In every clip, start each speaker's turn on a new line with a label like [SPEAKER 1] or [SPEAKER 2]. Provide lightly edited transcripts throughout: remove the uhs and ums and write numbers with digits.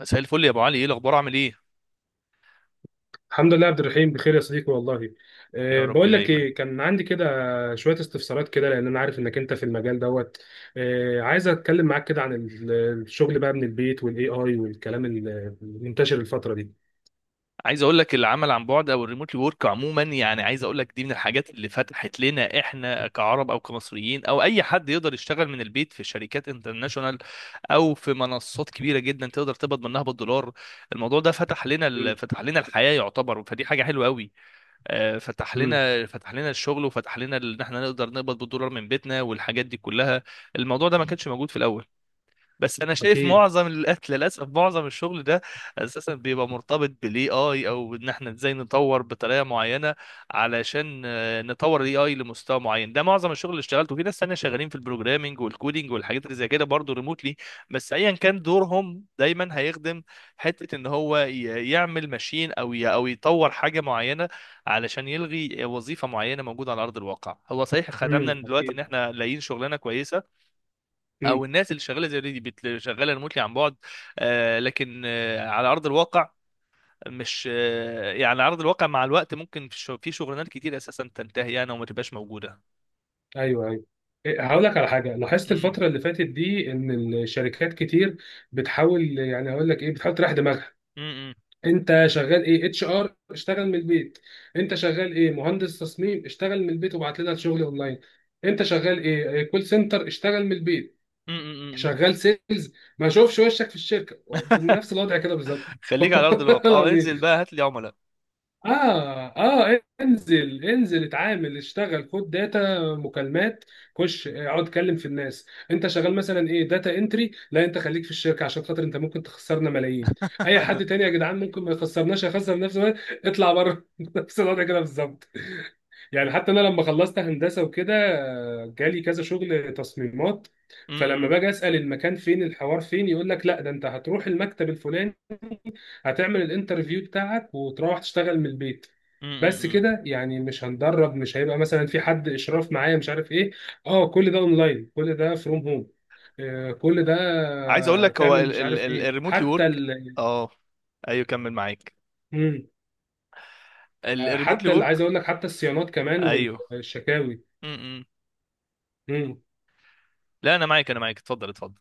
[SPEAKER 1] مساء الفل يا ابو علي، ايه الاخبار؟ عامل ايه؟
[SPEAKER 2] الحمد لله يا عبد الرحيم، بخير يا صديقي والله.
[SPEAKER 1] يا
[SPEAKER 2] أه
[SPEAKER 1] رب
[SPEAKER 2] بقول لك
[SPEAKER 1] دايما.
[SPEAKER 2] ايه، كان عندي كده شويه استفسارات كده، لان انا عارف انك انت في المجال دوت. أه عايز اتكلم معاك كده عن الشغل بقى من البيت والاي اي والكلام المنتشر الفتره دي.
[SPEAKER 1] عايز اقول لك العمل عن بعد او الريموت ورك عموما، يعني عايز اقول لك دي من الحاجات اللي فتحت لنا احنا كعرب او كمصريين، او اي حد يقدر يشتغل من البيت في شركات انترناشونال او في منصات كبيره جدا تقدر تقبض منها بالدولار. الموضوع ده
[SPEAKER 2] امم
[SPEAKER 1] فتح لنا الحياه يعتبر، فدي حاجه حلوه قوي. فتح
[SPEAKER 2] امم
[SPEAKER 1] لنا فتح لنا الشغل، ان احنا نقدر نقبض بالدولار من بيتنا والحاجات دي كلها. الموضوع ده ما كانش موجود في الاول. بس انا شايف
[SPEAKER 2] اكيد.
[SPEAKER 1] معظم الأكل للاسف معظم الشغل ده اساسا بيبقى مرتبط بالاي اي، او ان احنا ازاي نطور بطريقه معينه علشان نطور الاي اي لمستوى معين. ده معظم الشغل اللي اشتغلته في ناس تانية شغالين في البروجرامينج والكودينج والحاجات اللي زي كده برضه ريموتلي. بس ايا كان دورهم دايما هيخدم حته ان هو يعمل ماشين، او يطور حاجه معينه علشان يلغي وظيفه معينه موجوده على ارض الواقع. هو صحيح خدمنا دلوقتي ان
[SPEAKER 2] اكيد.
[SPEAKER 1] احنا لاقيين شغلانه كويسه، او
[SPEAKER 2] امم
[SPEAKER 1] الناس اللي شغاله زي دي شغاله ريموتلي عن بعد، لكن على ارض الواقع، مش يعني على ارض الواقع مع الوقت ممكن في شغلانات كتير اساسا تنتهي يعني وما تبقاش موجوده.
[SPEAKER 2] ايوه ايوه. إيه، هقول لك على حاجه لاحظت
[SPEAKER 1] مم.
[SPEAKER 2] الفتره اللي فاتت دي، ان الشركات كتير بتحاول، يعني هقول لك ايه، بتحاول تريح دماغها.
[SPEAKER 1] مم.
[SPEAKER 2] انت شغال ايه؟ اتش ار؟ اشتغل من البيت. انت شغال ايه؟ مهندس تصميم؟ اشتغل من البيت وبعت لنا الشغل اونلاين. انت شغال ايه؟ كول سنتر؟ اشتغل من البيت.
[SPEAKER 1] مم. مم. مم.
[SPEAKER 2] شغال سيلز؟ ما اشوفش وشك في الشركه بنفس الوضع كده بالظبط.
[SPEAKER 1] خليك على ارض
[SPEAKER 2] والله
[SPEAKER 1] الواقع، اه
[SPEAKER 2] العظيم.
[SPEAKER 1] انزل بقى هات لي عملاء.
[SPEAKER 2] اه اه، انزل انزل، اتعامل، اشتغل، خد داتا مكالمات، خش اقعد اتكلم في الناس. انت شغال مثلا ايه؟ داتا انتري؟ لا انت خليك في الشركه عشان خاطر انت ممكن تخسرنا ملايين. اي حد تاني يا جدعان ممكن ما يخسرناش، يخسر نفسه. اطلع بره. نفس الوضع كده بالظبط. يعني حتى انا لما خلصت هندسه وكده آه، جالي كذا شغل تصميمات. فلما
[SPEAKER 1] مم.
[SPEAKER 2] باجي اسال المكان فين، الحوار فين، يقول لك لا ده انت هتروح المكتب الفلاني، هتعمل الانترفيو بتاعك وتروح تشتغل من البيت.
[SPEAKER 1] مم.
[SPEAKER 2] بس
[SPEAKER 1] مم.
[SPEAKER 2] كده يعني؟ مش هندرب؟ مش هيبقى مثلا في حد اشراف معايا؟ مش عارف ايه؟ اه كل ده اونلاين، كل ده فروم هوم، كل ده
[SPEAKER 1] عايز اقول
[SPEAKER 2] آه،
[SPEAKER 1] لك، هو
[SPEAKER 2] تعمل مش عارف ايه،
[SPEAKER 1] الريموتلي
[SPEAKER 2] حتى
[SPEAKER 1] ورك.
[SPEAKER 2] ال...
[SPEAKER 1] اه. ايوه، كمل معاك.
[SPEAKER 2] مم. آه،
[SPEAKER 1] الريموتلي
[SPEAKER 2] حتى ال...
[SPEAKER 1] ورك.
[SPEAKER 2] عايز اقول لك حتى الصيانات كمان
[SPEAKER 1] ايوه.
[SPEAKER 2] والشكاوي.
[SPEAKER 1] مم.
[SPEAKER 2] مم.
[SPEAKER 1] لا انا معاك، انا معاك، اتفضل اتفضل.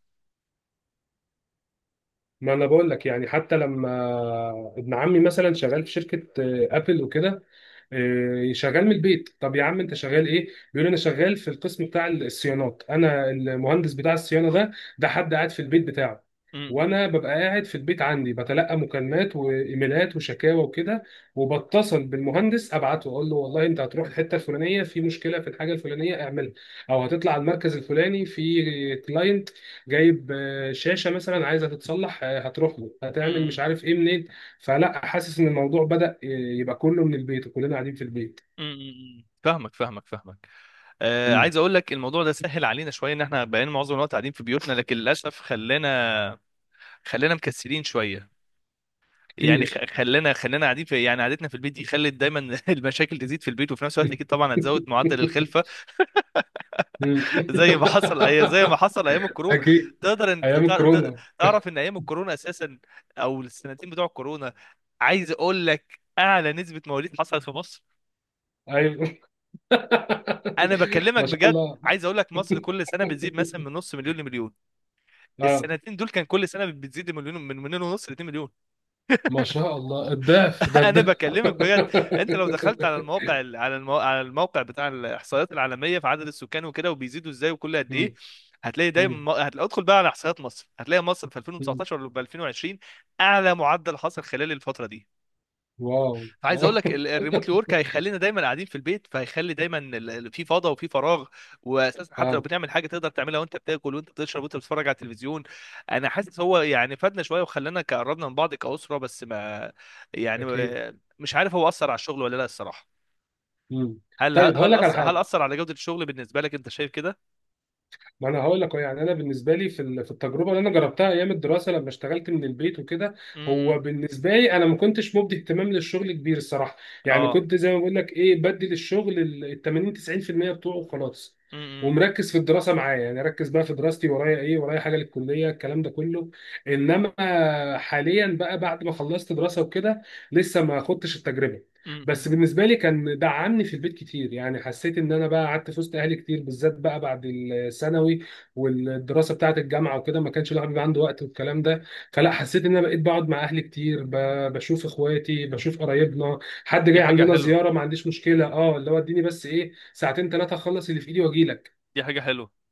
[SPEAKER 2] ما انا بقول لك، يعني حتى لما ابن عمي مثلا شغال في شركه آه، ابل وكده، إيه، شغال من البيت. طب يا عم انت شغال ايه؟ بيقول انا شغال في القسم بتاع الصيانات، انا المهندس بتاع الصيانه ده. ده حد قاعد في البيت بتاعه،
[SPEAKER 1] مم.
[SPEAKER 2] وانا ببقى قاعد في البيت عندي بتلقى مكالمات وايميلات وشكاوى وكده، وبتصل بالمهندس ابعته، اقول له والله انت هتروح الحته الفلانيه، في مشكله في الحاجه الفلانيه، اعملها. او هتطلع المركز الفلاني في كلاينت جايب آه، شاشه مثلا عايزه تتصلح، آه، هتروح له، هتعمل مش
[SPEAKER 1] مم.
[SPEAKER 2] عارف ايه، منين. فلا حاسس ان الموضوع بدأ يبقى كله من البيت وكلنا قاعدين في البيت.
[SPEAKER 1] امم، فاهمك فاهمك فاهمك.
[SPEAKER 2] مم.
[SPEAKER 1] عايز اقول لك الموضوع ده سهل علينا شويه، ان احنا بقينا معظم الوقت قاعدين في بيوتنا، لكن للاسف خلانا، خلانا مكسلين شويه. يعني
[SPEAKER 2] كتير.
[SPEAKER 1] خلانا قاعدين في، يعني قعدتنا في البيت دي خلت دايما المشاكل تزيد في البيت، وفي نفس الوقت اكيد طبعا هتزود معدل الخلفه.
[SPEAKER 2] مم.
[SPEAKER 1] زي ما حصل، أي زي ما حصل ايام الكورونا.
[SPEAKER 2] اكيد.
[SPEAKER 1] تقدر انت
[SPEAKER 2] ايام كورونا.
[SPEAKER 1] تعرف ان ايام الكورونا اساسا، او السنتين بتوع الكورونا، عايز اقول لك اعلى نسبه مواليد حصلت في مصر.
[SPEAKER 2] ايوه.
[SPEAKER 1] انا بكلمك
[SPEAKER 2] ما شاء
[SPEAKER 1] بجد.
[SPEAKER 2] الله.
[SPEAKER 1] عايز اقول لك مصر كل سنه بتزيد مثلا من نص مليون لمليون،
[SPEAKER 2] اه،
[SPEAKER 1] السنتين دول كان كل سنه بتزيد مليون، من مليون ونص ل 2 مليون.
[SPEAKER 2] ما شاء الله، الضعف ده،
[SPEAKER 1] انا
[SPEAKER 2] الضعف.
[SPEAKER 1] بكلمك بجد. انت لو دخلت على المواقع، على الموقع بتاع الاحصائيات العالميه في عدد السكان وكده، وبيزيدوا ازاي وكل قد ايه،
[SPEAKER 2] مم.
[SPEAKER 1] هتلاقي دايما
[SPEAKER 2] مم.
[SPEAKER 1] ادخل بقى على احصائيات مصر، هتلاقي مصر في
[SPEAKER 2] مم.
[SPEAKER 1] 2019 ولا في 2020 اعلى معدل حصل خلال الفتره دي.
[SPEAKER 2] واو
[SPEAKER 1] فعايز
[SPEAKER 2] واو.
[SPEAKER 1] اقول لك الريموتلي ورك هيخلينا دايما قاعدين في البيت، فهيخلي دايما في فضا وفي فراغ. واساسا حتى لو
[SPEAKER 2] اه.
[SPEAKER 1] بنعمل حاجه تقدر تعملها وانت بتاكل وانت بتشرب وانت بتتفرج على التلفزيون. انا حاسس هو يعني فادنا شويه وخلانا قربنا من بعض كاسره، بس ما، يعني
[SPEAKER 2] اكيد.
[SPEAKER 1] مش عارف هو اثر على الشغل ولا لا، الصراحه.
[SPEAKER 2] مم.
[SPEAKER 1] هل
[SPEAKER 2] طيب هقول
[SPEAKER 1] هل
[SPEAKER 2] لك على
[SPEAKER 1] اثر هل
[SPEAKER 2] حاجه.
[SPEAKER 1] اثر على جوده الشغل؟ بالنسبه لك، انت شايف كده؟
[SPEAKER 2] ما انا هقول لك أهو، يعني انا بالنسبه لي في في التجربه اللي انا جربتها ايام الدراسه لما اشتغلت من البيت وكده،
[SPEAKER 1] امم.
[SPEAKER 2] هو بالنسبه لي انا ما كنتش مبدي اهتمام للشغل كبير الصراحه. يعني
[SPEAKER 1] اه.
[SPEAKER 2] كنت زي ما بقول لك ايه، بدي للشغل ال 80 90% بتوعه وخلاص،
[SPEAKER 1] امم.
[SPEAKER 2] ومركز في الدراسه معايا، يعني اركز بقى في دراستي، ورايا ايه، ورايا حاجه للكليه، الكلام ده كله. انما حاليا بقى بعد ما خلصت دراسه وكده، لسه ما خدتش التجربه.
[SPEAKER 1] امم.
[SPEAKER 2] بس بالنسبه لي كان دعمني في البيت كتير، يعني حسيت ان انا بقى قعدت في وسط اهلي كتير، بالذات بقى بعد الثانوي والدراسه بتاعه الجامعه وكده ما كانش الواحد بيبقى عنده وقت والكلام ده. فلا، حسيت ان انا بقيت بقعد مع اهلي كتير، بشوف اخواتي، بشوف قرايبنا، حد
[SPEAKER 1] دي
[SPEAKER 2] جاي
[SPEAKER 1] حاجة
[SPEAKER 2] عندنا
[SPEAKER 1] حلوة،
[SPEAKER 2] زياره ما عنديش مشكله، اه اللي هو اديني بس ايه ساعتين ثلاثه اخلص اللي في ايدي واجي لك.
[SPEAKER 1] دي حاجة حلوة.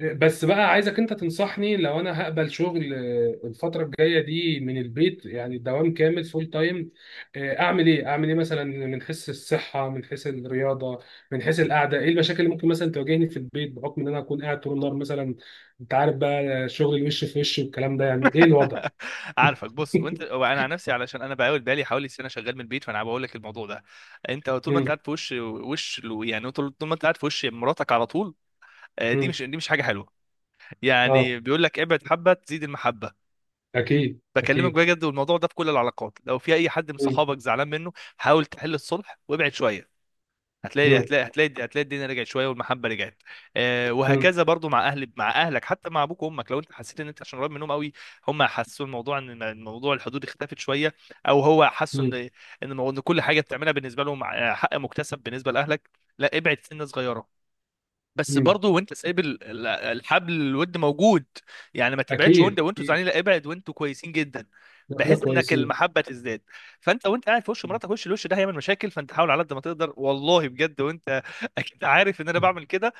[SPEAKER 2] بس بقى عايزك انت تنصحني لو انا هقبل شغل آه، الفترة الجاية دي من البيت، يعني دوام كامل، فول تايم، آه، اعمل ايه؟ اعمل ايه مثلا من حيث الصحة، من حيث الرياضة، من حيث القعدة؟ ايه المشاكل اللي ممكن مثلا تواجهني في البيت بحكم ان انا اكون قاعد طول النهار مثلا؟ انت عارف بقى شغل الوش في وش والكلام ده، يعني ايه الوضع؟
[SPEAKER 1] عارفك، بص، وانت وانا عن نفسي، علشان انا بقاول بالي حوالي سنه شغال من البيت، فانا بقول لك الموضوع ده: انت طول ما انت
[SPEAKER 2] مم،
[SPEAKER 1] قاعد في وش وش، يعني طول ما انت قاعد في وش مراتك على طول، دي
[SPEAKER 2] مم.
[SPEAKER 1] مش دي مش حاجه حلوه.
[SPEAKER 2] اه.
[SPEAKER 1] يعني بيقول لك ابعد حبه تزيد المحبه.
[SPEAKER 2] اكيد
[SPEAKER 1] بكلمك
[SPEAKER 2] اكيد.
[SPEAKER 1] بجد، والموضوع ده في كل العلاقات. لو في اي حد من
[SPEAKER 2] مم،
[SPEAKER 1] صحابك زعلان منه، حاول تحل الصلح وابعد شويه، هتلاقي
[SPEAKER 2] مم،
[SPEAKER 1] هتلاقي هتلاقي هتلاقي الدنيا رجعت شويه والمحبه رجعت. آه،
[SPEAKER 2] مم،
[SPEAKER 1] وهكذا برضو مع اهل، مع اهلك، حتى مع ابوك وامك. لو انت حسيت ان انت عشان قريب منهم قوي، هم حسوا الموضوع ان الموضوع الحدود اختفت شويه، او هو حسوا ان
[SPEAKER 2] مم،
[SPEAKER 1] ان إن كل حاجه بتعملها بالنسبه لهم آه، حق مكتسب بالنسبه لاهلك، لا، ابعد سنه صغيره، بس
[SPEAKER 2] مم.
[SPEAKER 1] برضه وانت سايب الحبل، الود موجود. يعني ما تبعدش
[SPEAKER 2] اكيد
[SPEAKER 1] وانت وانتوا
[SPEAKER 2] اكيد.
[SPEAKER 1] زعلانين، لا، ابعد وانتوا كويسين جدا،
[SPEAKER 2] احنا
[SPEAKER 1] بحيث انك
[SPEAKER 2] كويسين.
[SPEAKER 1] المحبه تزداد. فانت وانت قاعد في وش مراتك، وش الوش ده هيعمل مشاكل، فانت حاول على قد ما تقدر والله بجد، وانت اكيد عارف ان انا بعمل كده.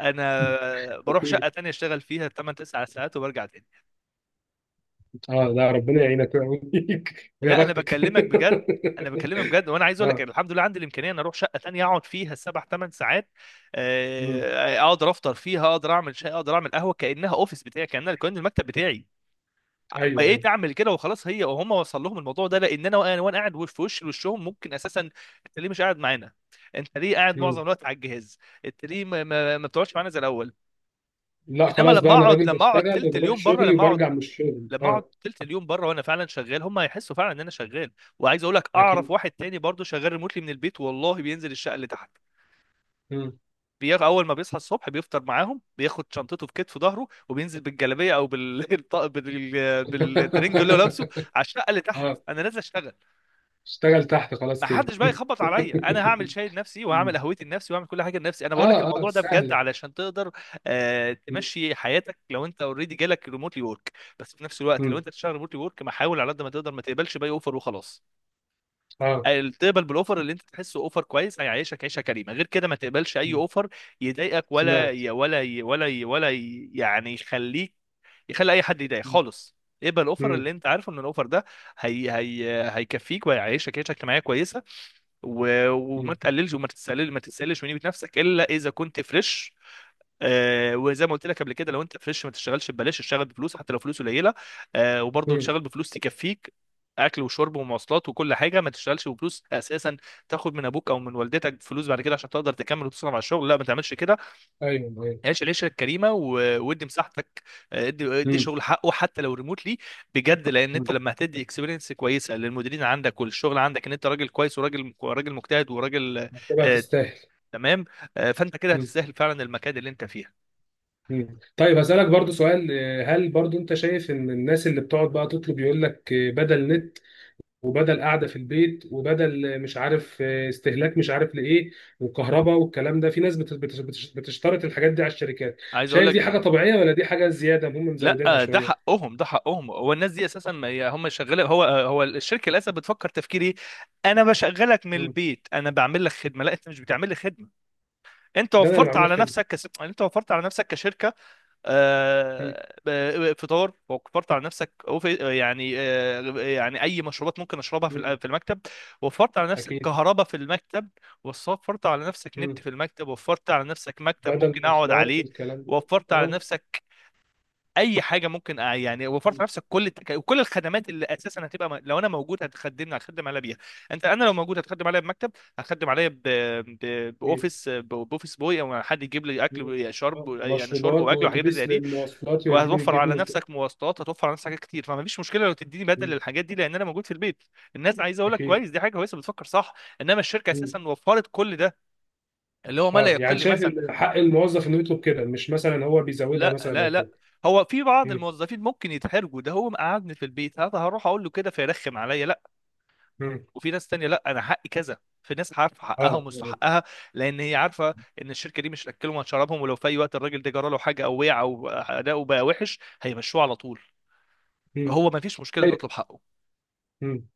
[SPEAKER 1] انا بروح شقه
[SPEAKER 2] اكيد.
[SPEAKER 1] تانية اشتغل فيها 8 9 ساعات وبرجع تاني.
[SPEAKER 2] اه لا، ربنا يعينك ويقويك ويا
[SPEAKER 1] لا انا
[SPEAKER 2] بختك.
[SPEAKER 1] بكلمك بجد، انا بكلمك بجد، وانا عايز اقول لك
[SPEAKER 2] اه.
[SPEAKER 1] الحمد لله عندي الامكانيه ان اروح شقه تانية اقعد فيها سبع ثمان ساعات.
[SPEAKER 2] مم.
[SPEAKER 1] آه، اقدر افطر فيها، اقدر اعمل شاي، اقدر اعمل قهوه، كانها اوفيس بتاعي، كانها كان المكتب بتاعي.
[SPEAKER 2] ايوه
[SPEAKER 1] بقيت
[SPEAKER 2] ايوه.
[SPEAKER 1] اعمل كده وخلاص، هي وهم وصل لهم الموضوع ده، لان انا وانا وأنا قاعد في وش وشهم ممكن اساسا: انت ليه مش قاعد معانا؟ انت ليه قاعد معظم
[SPEAKER 2] مم.
[SPEAKER 1] الوقت على الجهاز؟ انت ليه ما بتقعدش معانا زي الاول؟
[SPEAKER 2] لا
[SPEAKER 1] انما
[SPEAKER 2] خلاص
[SPEAKER 1] لما
[SPEAKER 2] بقى، انا
[SPEAKER 1] اقعد
[SPEAKER 2] راجل
[SPEAKER 1] لما اقعد
[SPEAKER 2] بشتغل
[SPEAKER 1] تلت
[SPEAKER 2] وبروح
[SPEAKER 1] اليوم بره،
[SPEAKER 2] شغلي
[SPEAKER 1] لما اقعد
[SPEAKER 2] وبرجع من الشغل.
[SPEAKER 1] لما اقعد
[SPEAKER 2] اه.
[SPEAKER 1] تلت اليوم بره وانا فعلا شغال، هم هيحسوا فعلا ان انا شغال. وعايز اقول لك اعرف
[SPEAKER 2] اكيد.
[SPEAKER 1] واحد تاني برضه شغال ريموتلي من البيت، والله بينزل الشقه اللي تحت.
[SPEAKER 2] مم.
[SPEAKER 1] اول ما بيصحى الصبح بيفطر معاهم، بياخد شنطته في كتف ظهره، وبينزل بالجلابيه، او بالترنج اللي هو لابسه، على الشقه اللي تحت.
[SPEAKER 2] اه.
[SPEAKER 1] انا نازل اشتغل،
[SPEAKER 2] اشتغل تحت خلاص
[SPEAKER 1] ما
[SPEAKER 2] كده.
[SPEAKER 1] حدش بقى يخبط عليا، انا هعمل شاي لنفسي وهعمل
[SPEAKER 2] مم.
[SPEAKER 1] قهوتي لنفسي وهعمل كل حاجه لنفسي. انا بقول لك
[SPEAKER 2] اه اه
[SPEAKER 1] الموضوع ده بجد
[SPEAKER 2] سهله.
[SPEAKER 1] علشان تقدر آه
[SPEAKER 2] مم.
[SPEAKER 1] تمشي حياتك لو انت اوريدي جالك ريموتلي ورك. بس في نفس الوقت لو
[SPEAKER 2] مم.
[SPEAKER 1] انت تشتغل ريموتلي ورك، ما حاول على قد ما تقدر ما تقبلش باي اوفر وخلاص.
[SPEAKER 2] اه.
[SPEAKER 1] تقبل بالاوفر اللي انت تحسه اوفر كويس هيعيشك عيشه كريمه، غير كده ما تقبلش اي
[SPEAKER 2] مم.
[SPEAKER 1] اوفر يضايقك،
[SPEAKER 2] سمعت.
[SPEAKER 1] يعني يخليك، يخلي اي حد يضايق
[SPEAKER 2] مم.
[SPEAKER 1] خالص. اقبل الاوفر
[SPEAKER 2] مم.
[SPEAKER 1] اللي انت عارفه ان الاوفر ده هي هيكفيك وهيعيشك عيشه اجتماعيه كويسه. وما
[SPEAKER 2] مم.
[SPEAKER 1] تقللش وما تتسلل ما تتسللش من قيمه نفسك الا اذا كنت فريش. آه، وزي ما قلت لك قبل كده، لو انت فريش ما تشتغلش ببلاش، اشتغل بفلوس حتى لو فلوس قليله، آه، وبرضه
[SPEAKER 2] مم.
[SPEAKER 1] تشتغل بفلوس تكفيك اكل وشرب ومواصلات وكل حاجه. ما تشتغلش بفلوس اساسا تاخد من ابوك او من والدتك فلوس بعد كده عشان تقدر تكمل وتصرف على الشغل، لا ما تعملش كده.
[SPEAKER 2] ايوه ايوه.
[SPEAKER 1] عيش العيشه الكريمه، وادي مساحتك. ادي
[SPEAKER 2] مم.
[SPEAKER 1] شغل حقه حتى لو ريموتلي، بجد. لان انت
[SPEAKER 2] مم.
[SPEAKER 1] لما هتدي اكسبيرينس كويسه للمديرين عندك والشغل عندك ان انت راجل كويس، وراجل مجتهد وراجل
[SPEAKER 2] طبعا
[SPEAKER 1] آه،
[SPEAKER 2] تستاهل.
[SPEAKER 1] تمام، فانت كده هتستاهل فعلا المكان اللي انت فيها.
[SPEAKER 2] مم. طيب هسألك برضو سؤال، آه، هل برضو انت شايف ان الناس اللي بتقعد بقى تطلب، يقول لك آه، بدل نت، وبدل قعدة في البيت، وبدل آه، مش عارف آه، استهلاك مش عارف لإيه، وكهرباء والكلام ده، في ناس بتشترط الحاجات دي على الشركات؟
[SPEAKER 1] عايز اقول
[SPEAKER 2] شايف دي
[SPEAKER 1] لك،
[SPEAKER 2] حاجة طبيعية؟ ولا دي حاجة زيادة هم مزودينها
[SPEAKER 1] لا، ده
[SPEAKER 2] شوية؟
[SPEAKER 1] حقهم، ده حقهم. هو الناس دي اساسا، هم شغاله، هو الشركه للاسف بتفكر تفكير ايه؟ انا بشغلك من
[SPEAKER 2] مم.
[SPEAKER 1] البيت، انا بعمل لك خدمه. لا، انت مش بتعمل لي خدمه،
[SPEAKER 2] ده انا اللي بعمل لك خدمة.
[SPEAKER 1] انت وفرت على نفسك كشركه.
[SPEAKER 2] مم.
[SPEAKER 1] فطار، وفرت على نفسك، يعني يعني اي مشروبات ممكن اشربها
[SPEAKER 2] مم.
[SPEAKER 1] في المكتب، وفرت على نفسك
[SPEAKER 2] اكيد.
[SPEAKER 1] كهرباء في المكتب، وفرت على نفسك نت
[SPEAKER 2] مم.
[SPEAKER 1] في المكتب، وفرت على نفسك مكتب
[SPEAKER 2] بدل
[SPEAKER 1] ممكن اقعد
[SPEAKER 2] مواصلات،
[SPEAKER 1] عليه،
[SPEAKER 2] الكلام ده.
[SPEAKER 1] وفرت على
[SPEAKER 2] اه.
[SPEAKER 1] نفسك اي حاجه ممكن يعني، وفرت
[SPEAKER 2] مم.
[SPEAKER 1] على نفسك كل الخدمات اللي اساسا هتبقى لو انا موجود هتخدمني هتخدم عليا بيها. انت، انا لو موجود هتخدم عليا بمكتب، هتخدم عليا
[SPEAKER 2] أكيد.
[SPEAKER 1] باوفيس بوي، او حد يجيب لي اكل
[SPEAKER 2] مم.
[SPEAKER 1] وشرب،
[SPEAKER 2] آه.
[SPEAKER 1] يعني شرب
[SPEAKER 2] مشروبات،
[SPEAKER 1] واكل وحاجات زي
[SPEAKER 2] واتوبيس
[SPEAKER 1] دي.
[SPEAKER 2] للمواصلات يوديني
[SPEAKER 1] وهتوفر على
[SPEAKER 2] ويجيبني.
[SPEAKER 1] نفسك مواصلات، هتوفر على نفسك حاجات كتير. فما فيش مشكله لو تديني بدل
[SPEAKER 2] مم.
[SPEAKER 1] للحاجات دي لان انا موجود في البيت. الناس عايزه اقول لك
[SPEAKER 2] اكيد.
[SPEAKER 1] كويس، دي حاجه كويسه بتفكر صح، انما الشركه
[SPEAKER 2] مم.
[SPEAKER 1] اساسا وفرت كل ده، اللي هو ما لا
[SPEAKER 2] اه، يعني
[SPEAKER 1] يقل
[SPEAKER 2] شايف
[SPEAKER 1] مثلا.
[SPEAKER 2] ان حق الموظف انه يطلب كده؟ مش مثلا هو بيزودها
[SPEAKER 1] لا
[SPEAKER 2] مثلا
[SPEAKER 1] لا
[SPEAKER 2] او كده؟
[SPEAKER 1] لا، هو في بعض
[SPEAKER 2] مم.
[SPEAKER 1] الموظفين ممكن يتحرجوا، ده هو مقعدني في البيت هذا، هروح اقول له كده فيرخم عليا، لا.
[SPEAKER 2] مم.
[SPEAKER 1] وفي ناس تانية لا، انا حقي كذا. في ناس عارفه حقها
[SPEAKER 2] اه.
[SPEAKER 1] ومستحقها، لان هي عارفه ان الشركه دي مش اكلهم وشربهم، ولو في اي وقت الراجل ده جرى له حاجه او وقع او اداؤه بقى وحش هيمشوه على طول.
[SPEAKER 2] مم.
[SPEAKER 1] فهو ما فيش مشكله انه
[SPEAKER 2] طيب.
[SPEAKER 1] يطلب حقه.
[SPEAKER 2] مم.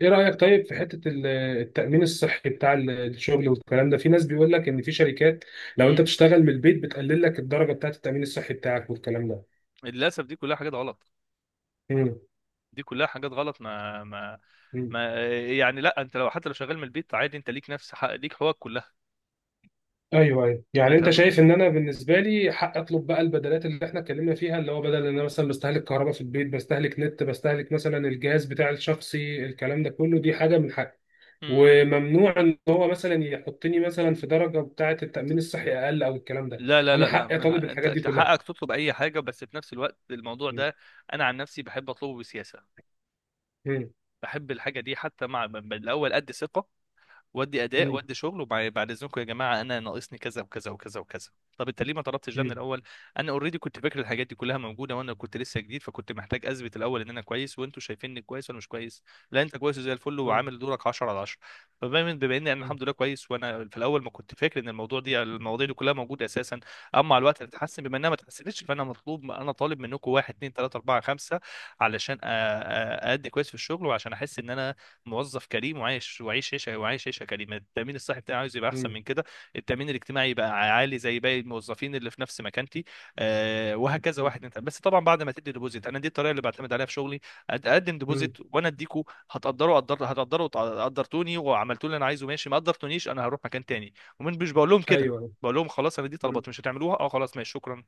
[SPEAKER 2] ايه رايك طيب في حته التامين الصحي بتاع الشغل والكلام ده؟ في ناس بيقول لك ان في شركات لو انت
[SPEAKER 1] مم.
[SPEAKER 2] بتشتغل من البيت بتقلل لك الدرجه بتاعه التامين الصحي بتاعك والكلام ده.
[SPEAKER 1] للاسف دي كلها حاجات غلط،
[SPEAKER 2] مم.
[SPEAKER 1] دي كلها حاجات غلط. ما ما
[SPEAKER 2] مم.
[SPEAKER 1] ما يعني لا، انت لو حتى لو شغال من البيت عادي، انت ليك نفس حق، ليك حقوقك كلها.
[SPEAKER 2] ايوه ايوه،
[SPEAKER 1] ما
[SPEAKER 2] يعني انت
[SPEAKER 1] تم.
[SPEAKER 2] شايف ان انا بالنسبه لي حق اطلب بقى البدلات اللي احنا اتكلمنا فيها، اللي هو بدل ان انا مثلا بستهلك كهرباء في البيت، بستهلك نت، بستهلك مثلا الجهاز بتاع الشخصي، الكلام ده كله، دي حاجه من حقي،
[SPEAKER 1] مم.
[SPEAKER 2] وممنوع ان هو مثلا يحطني مثلا في درجه بتاعه التامين الصحي اقل او الكلام ده.
[SPEAKER 1] لا لا
[SPEAKER 2] انا
[SPEAKER 1] لا لا،
[SPEAKER 2] حقي اطالب
[SPEAKER 1] انت،
[SPEAKER 2] الحاجات دي
[SPEAKER 1] انت
[SPEAKER 2] كلها.
[SPEAKER 1] حقك تطلب اي حاجه، بس في نفس الوقت الموضوع
[SPEAKER 2] مم.
[SPEAKER 1] ده انا عن نفسي بحب اطلبه بسياسه.
[SPEAKER 2] مم.
[SPEAKER 1] بحب الحاجه دي حتى مع الاول قد ثقه، وادي اداء،
[SPEAKER 2] مم.
[SPEAKER 1] وادي شغل، وبعد اذنكم يا جماعه انا ناقصني كذا وكذا وكذا وكذا. طب انت ليه ما طلبتش ده من
[SPEAKER 2] مم.
[SPEAKER 1] الاول؟ انا اوريدي كنت فاكر الحاجات دي كلها موجوده، وانا كنت لسه جديد فكنت محتاج اثبت الاول ان انا كويس، وانتوا شايفيني كويس ولا مش كويس؟ لا، انت كويس زي الفل
[SPEAKER 2] مم.
[SPEAKER 1] وعامل دورك 10 على 10. فبما اني انا الحمد لله كويس، وانا في الاول ما كنت فاكر ان الموضوع دي، المواضيع دي كلها موجوده اساسا، اما مع الوقت هتتحسن. بما انها ما اتحسنتش فانا مطلوب، انا طالب منكم واحد اتنين تلاته اربعه خمسه علشان اادي كويس في الشغل، وعشان احس ان انا موظف كريم وعايش وعيش عيشه، وعايش عيشه كريمه. التامين الصحي بتاعي عاوز يبقى احسن
[SPEAKER 2] مم.
[SPEAKER 1] من كده، التامين الاجتماعي يبقى عالي زي باقي الموظفين اللي في نفس مكانتي. آه، وهكذا،
[SPEAKER 2] مم.
[SPEAKER 1] واحد. انت بس طبعا بعد ما تدي ديبوزيت، انا دي الطريقه اللي بعتمد عليها في شغلي. اقدم
[SPEAKER 2] مم.
[SPEAKER 1] ديبوزيت وانا اديكوا. هتقدروا قدر هتقدروا، قدرتوني وعملتوا اللي انا عايزه، ماشي. ما قدرتونيش، انا هروح مكان تاني. ومش مش بقول لهم كده،
[SPEAKER 2] ايوه.
[SPEAKER 1] بقول لهم خلاص، انا دي
[SPEAKER 2] مم.
[SPEAKER 1] طلبات مش هتعملوها، اه، خلاص ماشي شكرا.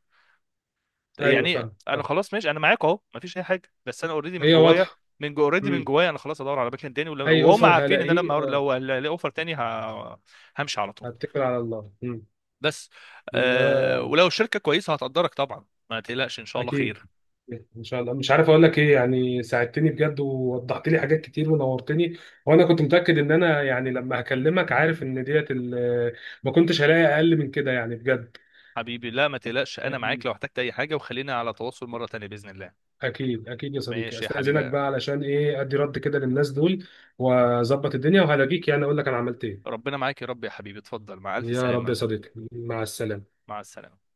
[SPEAKER 2] ايوه،
[SPEAKER 1] يعني
[SPEAKER 2] فاهم
[SPEAKER 1] انا
[SPEAKER 2] فاهم.
[SPEAKER 1] خلاص ماشي، انا معاك اهو، مفيش اي حاجه، بس انا اوريدي من
[SPEAKER 2] هي
[SPEAKER 1] جوايا،
[SPEAKER 2] واضحه.
[SPEAKER 1] من جو اوريدي من
[SPEAKER 2] مم.
[SPEAKER 1] جوايا انا خلاص ادور على مكان تاني.
[SPEAKER 2] اي
[SPEAKER 1] وهم
[SPEAKER 2] اوفر
[SPEAKER 1] عارفين ان انا
[SPEAKER 2] هلاقيه،
[SPEAKER 1] لما
[SPEAKER 2] اه.
[SPEAKER 1] لو الاقي اوفر تاني همشي على طول
[SPEAKER 2] هتكل على الله. مم.
[SPEAKER 1] بس. أه،
[SPEAKER 2] يا.
[SPEAKER 1] ولو الشركه كويسه هتقدرك طبعا، ما تقلقش ان شاء الله
[SPEAKER 2] اكيد.
[SPEAKER 1] خير.
[SPEAKER 2] ان شاء الله، مش عارف اقول لك ايه، يعني ساعدتني بجد، ووضحت لي حاجات كتير، ونورتني. وانا كنت متاكد ان انا يعني لما هكلمك عارف ان ديت ما كنتش هلاقي اقل من كده يعني، بجد.
[SPEAKER 1] حبيبي لا، ما تقلقش، انا معاك
[SPEAKER 2] أم،
[SPEAKER 1] لو احتجت اي حاجه، وخلينا على تواصل مره تانيه باذن الله.
[SPEAKER 2] اكيد اكيد يا صديقي.
[SPEAKER 1] ماشي يا حبيبي.
[SPEAKER 2] استاذنك بقى علشان ايه ادي رد كده للناس دول، واظبط الدنيا، وهلاقيك يعني اقول لك انا عملت ايه.
[SPEAKER 1] ربنا معاك يا رب، يا حبيبي، اتفضل، مع الف
[SPEAKER 2] يا رب يا
[SPEAKER 1] سلامه.
[SPEAKER 2] صديقي، مع السلامه.
[SPEAKER 1] مع السلامه.